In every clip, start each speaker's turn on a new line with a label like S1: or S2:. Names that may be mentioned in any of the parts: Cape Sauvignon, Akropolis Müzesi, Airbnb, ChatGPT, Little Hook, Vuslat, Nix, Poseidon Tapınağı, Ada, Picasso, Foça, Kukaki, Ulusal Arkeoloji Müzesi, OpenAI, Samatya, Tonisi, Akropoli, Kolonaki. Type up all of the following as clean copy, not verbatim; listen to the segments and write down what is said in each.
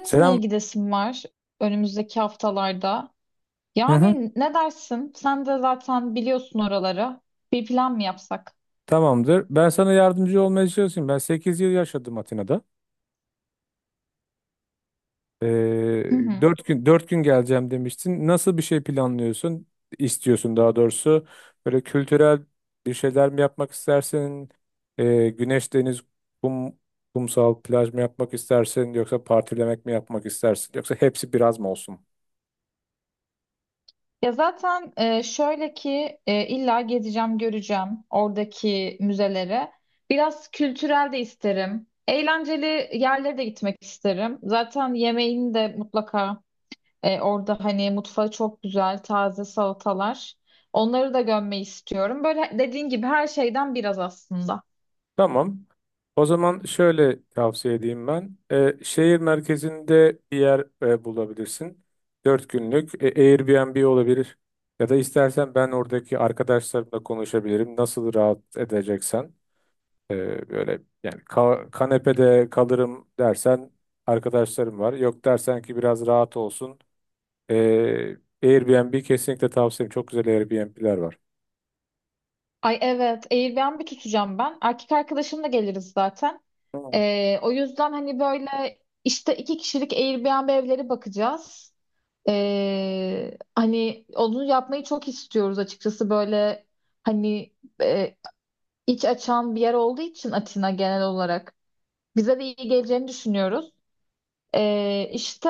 S1: Atina'ya
S2: Selam.
S1: gidesim var önümüzdeki haftalarda.
S2: Hı hı.
S1: Yani ne dersin? Sen de zaten biliyorsun oraları. Bir plan mı yapsak?
S2: Tamamdır. Ben sana yardımcı olmaya çalışayım. Ben 8 yıl yaşadım Atina'da. Ee,
S1: Hı hı.
S2: 4 gün dört gün geleceğim demiştin. Nasıl bir şey planlıyorsun? İstiyorsun daha doğrusu. Böyle kültürel bir şeyler mi yapmak istersin? Güneş, deniz, kum, kumsal, plaj mı yapmak istersin? Yoksa partilemek mi yapmak istersin? Yoksa hepsi biraz mı olsun?
S1: Ya zaten şöyle ki illa gezeceğim, göreceğim oradaki müzelere. Biraz kültürel de isterim. Eğlenceli yerlere de gitmek isterim. Zaten yemeğini de mutlaka orada hani mutfağı çok güzel, taze salatalar. Onları da görmeyi istiyorum. Böyle dediğin gibi her şeyden biraz aslında.
S2: Tamam. O zaman şöyle tavsiye edeyim ben. Şehir merkezinde bir yer bulabilirsin. 4 günlük Airbnb olabilir. Ya da istersen ben oradaki arkadaşlarımla konuşabilirim. Nasıl rahat edeceksen. Böyle yani kanepede kalırım dersen arkadaşlarım var. Yok dersen ki biraz rahat olsun. Ee, Airbnb kesinlikle tavsiyem. Çok güzel Airbnb'ler var.
S1: Ay evet, Airbnb tutacağım ben. Erkek arkadaşımla geliriz zaten.
S2: Tamam.
S1: O yüzden hani böyle işte iki kişilik Airbnb evleri bakacağız. Hani onu yapmayı çok istiyoruz açıkçası böyle hani e, iç açan bir yer olduğu için Atina genel olarak bize de iyi geleceğini düşünüyoruz. İşte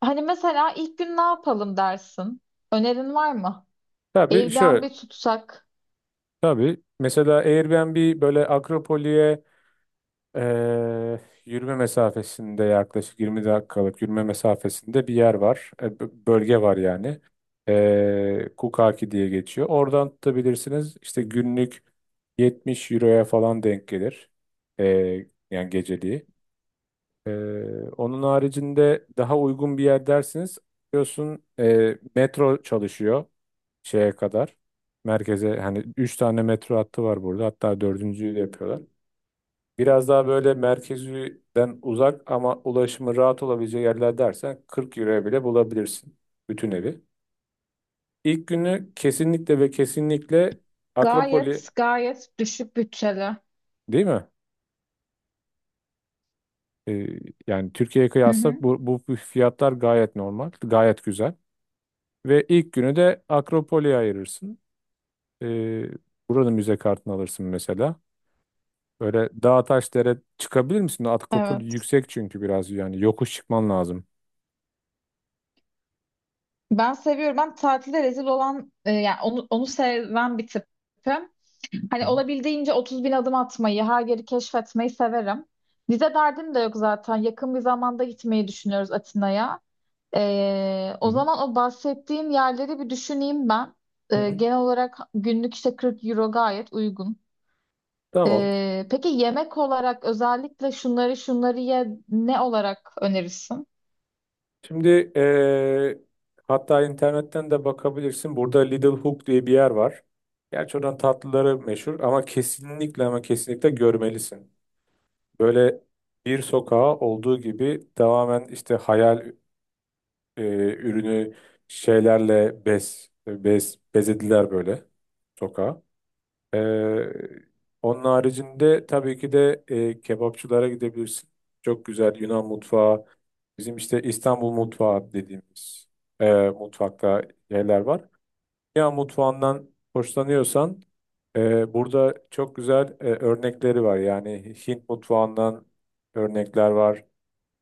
S1: hani mesela ilk gün ne yapalım dersin? Önerin var mı?
S2: Tabii şöyle.
S1: Airbnb tutsak.
S2: Tabii. Mesela Airbnb böyle Akropoli'ye, Ee, yürüme mesafesinde, yaklaşık 20 dakikalık yürüme mesafesinde bir yer var. Bölge var yani. Kukaki diye geçiyor. Oradan tutabilirsiniz. İşte günlük 70 euroya falan denk gelir. Yani geceliği. Ee, Onun haricinde daha uygun bir yer dersiniz. Biliyorsun metro çalışıyor şeye kadar. Merkeze hani 3 tane metro hattı var burada. Hatta dördüncüyü de yapıyorlar. Biraz daha böyle merkezden uzak ama ulaşımı rahat olabileceği yerler dersen 40 euroya bile bulabilirsin bütün evi. İlk günü kesinlikle ve kesinlikle Akropoli,
S1: Gayet gayet düşük bütçeli.
S2: değil mi? Ee, Yani Türkiye'ye
S1: Hı
S2: kıyasla
S1: hı.
S2: bu fiyatlar gayet normal, gayet güzel. Ve ilk günü de Akropoli'ye ayırırsın. Ee, Buranın müze kartını alırsın mesela. Böyle dağ taş dere çıkabilir misin? Akropoli
S1: Evet.
S2: yüksek çünkü biraz yani yokuş çıkman lazım.
S1: Ben seviyorum. Ben tatilde rezil olan yani onu seven bir tipim.
S2: Hı
S1: Hani
S2: hı.
S1: olabildiğince 30 bin adım atmayı, her yeri keşfetmeyi severim. Vize derdim de yok zaten. Yakın bir zamanda gitmeyi düşünüyoruz Atina'ya. E,
S2: Hı
S1: o
S2: hı.
S1: zaman o bahsettiğim yerleri bir düşüneyim ben.
S2: Hı
S1: E,
S2: hı.
S1: genel olarak günlük işte 40 euro gayet uygun.
S2: Tamam.
S1: E, peki yemek olarak özellikle şunları şunları ye ne olarak önerirsin?
S2: Şimdi eee, hatta internetten de bakabilirsin. Burada Little Hook diye bir yer var. Gerçi oradan tatlıları meşhur ama kesinlikle ama kesinlikle görmelisin. Böyle bir sokağa olduğu gibi tamamen işte hayal eee, ürünü şeylerle bez bezediler böyle sokağı. Ee, Onun haricinde tabii ki de kebapçılara gidebilirsin. Çok güzel Yunan mutfağı, bizim işte İstanbul mutfağı dediğimiz mutfakta yerler var. Ya mutfağından hoşlanıyorsan burada çok güzel örnekleri var. Yani Hint mutfağından örnekler var.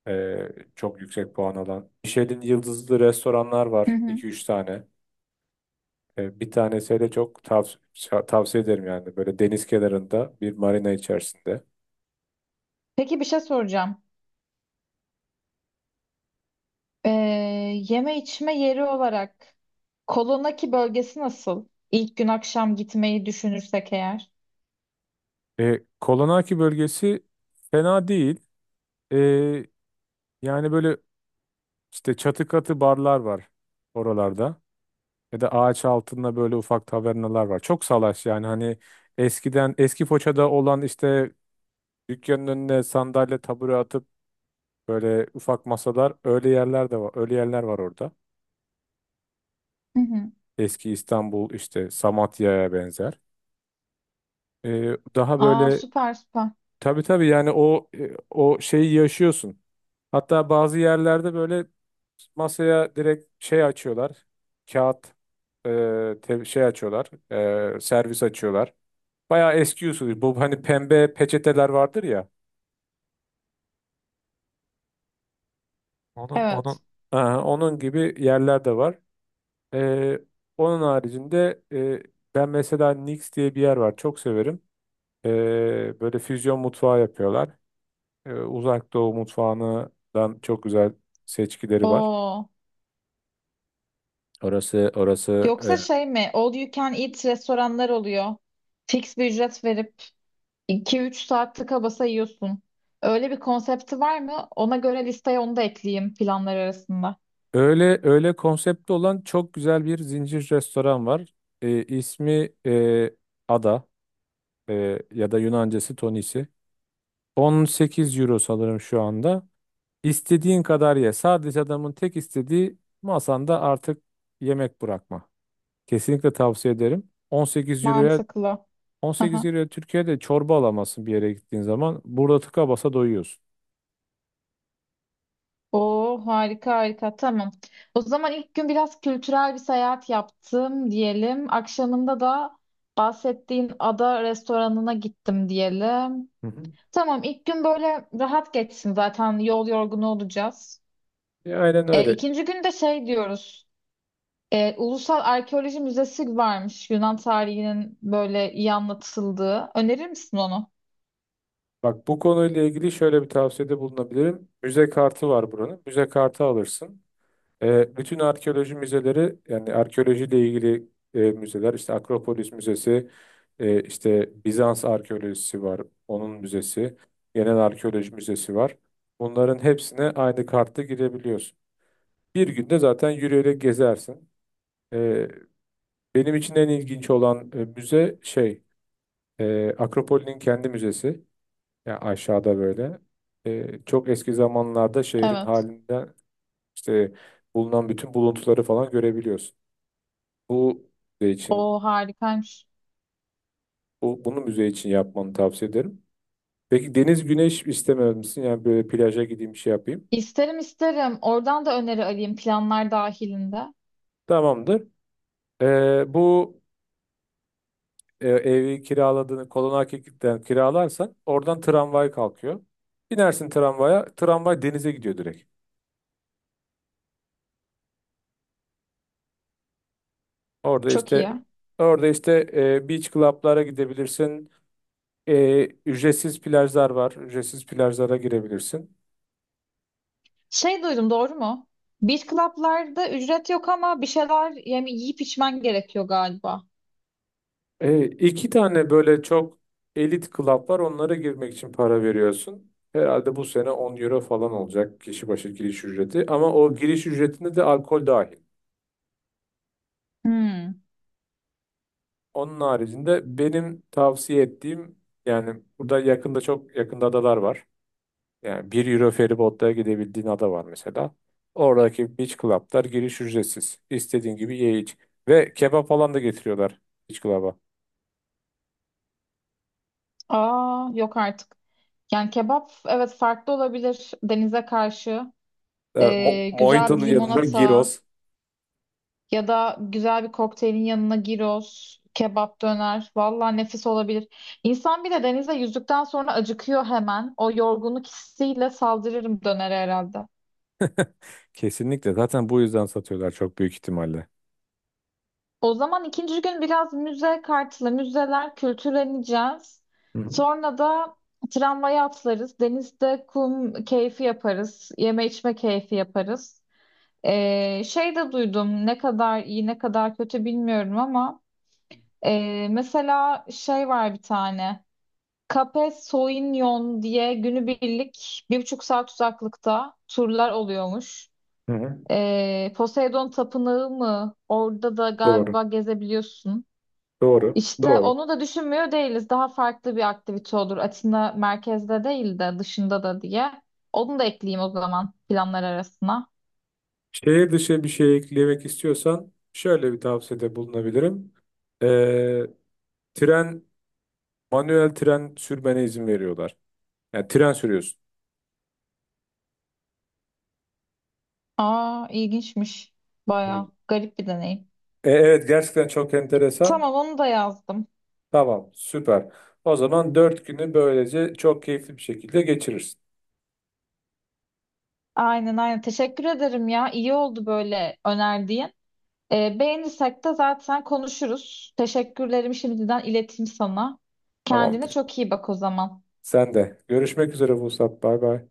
S2: E, Çok yüksek puan alan Michelin yıldızlı restoranlar var iki üç tane. Bir tane de çok tavsiye ederim yani. Böyle deniz kenarında bir marina içerisinde.
S1: Peki bir şey soracağım. Ee, Yeme içme yeri olarak Kolonaki bölgesi nasıl? İlk gün akşam gitmeyi düşünürsek eğer.
S2: Kolonaki bölgesi fena değil. E, Yani böyle işte çatı katı barlar var oralarda. Ya da ağaç altında böyle ufak tavernalar var. Çok salaş yani hani eskiden eski Foça'da olan işte dükkanın önüne sandalye tabure atıp böyle ufak masalar, öyle yerler de var. Öyle yerler var orada.
S1: Hı hı.
S2: Eski İstanbul işte Samatya'ya benzer. Daha
S1: Aa
S2: böyle,
S1: süper süper.
S2: tabii tabii yani o o şeyi yaşıyorsun. Hatta bazı yerlerde böyle masaya direkt şey açıyorlar. Kağıt şey açıyorlar, servis açıyorlar. Bayağı eski usul. Bu hani pembe peçeteler vardır ya. Onun onun
S1: Evet.
S2: Aha, onun gibi yerler de var. Ee, Onun haricinde ben mesela, Nix diye bir yer var. Çok severim. Böyle füzyon mutfağı yapıyorlar. Uzak Doğu mutfağından çok güzel seçkileri var.
S1: Oo.
S2: Orası orası
S1: Yoksa
S2: e,
S1: şey mi? All you can eat restoranlar oluyor. Fix bir ücret verip iki üç saat tıka basa yiyorsun. Öyle bir konsepti var mı? Ona göre listeye onu da ekleyeyim planlar arasında.
S2: öyle öyle konseptli olan çok güzel bir zincir restoran var. İsmi Ada, ya da Yunancası Tonisi. 18 euro sanırım şu anda. İstediğin kadar ye. Sadece adamın tek istediği masanda artık yemek bırakma. Kesinlikle tavsiye ederim. 18 euroya
S1: Mantıklı.
S2: 18 euroya Türkiye'de çorba alamazsın bir yere gittiğin zaman. Burada tıka basa doyuyorsun.
S1: Oo harika harika tamam. O zaman ilk gün biraz kültürel bir seyahat yaptım diyelim. Akşamında da bahsettiğin ada restoranına gittim diyelim.
S2: Hı hı.
S1: Tamam ilk gün böyle rahat geçsin zaten yol yorgunu olacağız.
S2: Aynen
S1: E,
S2: öyle.
S1: ikinci gün de şey diyoruz. E, Ulusal Arkeoloji Müzesi varmış Yunan tarihinin böyle iyi anlatıldığı. Önerir misin onu?
S2: Bak bu konuyla ilgili şöyle bir tavsiyede bulunabilirim. Müze kartı var buranın. Müze kartı alırsın. Bütün arkeoloji müzeleri, yani arkeolojiyle ilgili müzeler, işte Akropolis Müzesi, işte Bizans arkeolojisi var, onun müzesi, genel arkeoloji müzesi var. Bunların hepsine aynı kartla girebiliyorsun. Bir günde zaten yürüyerek gezersin. E, Benim için en ilginç olan müze şey, Akropol'ün kendi müzesi, yani aşağıda böyle. Çok eski zamanlarda şehrin
S1: Evet.
S2: halinden işte bulunan bütün buluntuları falan görebiliyorsun. Bu müze için,
S1: O harikaymış.
S2: bu, Bunu müze için yapmanı tavsiye ederim. Peki deniz, güneş istemez misin? Yani böyle plaja gideyim, bir şey yapayım.
S1: İsterim isterim. Oradan da öneri alayım planlar dahilinde.
S2: Tamamdır. Ee, bu Evi kiraladığını Kolonaki'den kiralarsan oradan tramvay kalkıyor. Binersin tramvaya, tramvay denize gidiyor direkt. Orada
S1: Çok
S2: işte
S1: iyi.
S2: orada işte beach club'lara gidebilirsin. Ücretsiz plajlar var. Ücretsiz plajlara girebilirsin.
S1: Şey duydum doğru mu? Beach club'larda ücret yok ama bir şeyler yani yiyip içmen gerekiyor galiba.
S2: İki tane böyle çok elit club var. Onlara girmek için para veriyorsun. Herhalde bu sene 10 euro falan olacak kişi başı giriş ücreti. Ama o giriş ücretinde de alkol dahil.
S1: Hmm.
S2: Onun haricinde benim tavsiye ettiğim, yani burada yakında çok yakında adalar var. Yani 1 euro feribotla gidebildiğin ada var mesela. Oradaki beach club'lar giriş ücretsiz. İstediğin gibi ye iç. Ve kebap falan da getiriyorlar beach club'a.
S1: Aa yok artık. Yani kebap evet farklı olabilir denize karşı. Güzel bir
S2: Mojito'nun yanında
S1: limonata
S2: gyros.
S1: ya da güzel bir kokteylin yanına gyros, kebap döner. Vallahi nefis olabilir. İnsan bir de denize yüzdükten sonra acıkıyor hemen. O yorgunluk hissiyle saldırırım dönere herhalde.
S2: Kesinlikle. Zaten bu yüzden satıyorlar çok büyük ihtimalle.
S1: O zaman ikinci gün biraz müze kartlı, müzeler kültürleneceğiz.
S2: Hı hı.
S1: Sonra da tramvaya atlarız. Denizde kum keyfi yaparız. Yeme içme keyfi yaparız. Şey de duydum ne kadar iyi ne kadar kötü bilmiyorum ama mesela şey var bir tane. Cape Sauvignon diye günübirlik bir buçuk saat uzaklıkta turlar oluyormuş.
S2: Hı. Hı.
S1: Poseidon Tapınağı mı? Orada da
S2: Doğru,
S1: galiba gezebiliyorsun.
S2: doğru,
S1: İşte
S2: doğru.
S1: onu da düşünmüyor değiliz. Daha farklı bir aktivite olur. Atina merkezde değil de dışında da diye. Onu da ekleyeyim o zaman planlar arasına.
S2: Şehir dışı bir şey eklemek istiyorsan şöyle bir tavsiyede bulunabilirim. Ee, Tren, manuel tren sürmene izin veriyorlar. Yani tren sürüyorsun.
S1: Aa ilginçmiş.
S2: Hı.
S1: Baya garip bir deneyim.
S2: Evet, gerçekten çok enteresan.
S1: Tamam onu da yazdım.
S2: Tamam, süper. O zaman 4 günü böylece çok keyifli bir şekilde geçirirsin.
S1: Aynen aynen. Teşekkür ederim ya. İyi oldu böyle önerdiğin. Beğenirsek de zaten konuşuruz. Teşekkürlerimi şimdiden ileteyim sana. Kendine
S2: Tamamdır.
S1: çok iyi bak o zaman.
S2: Sen de. Görüşmek üzere Vuslat. Bay bay.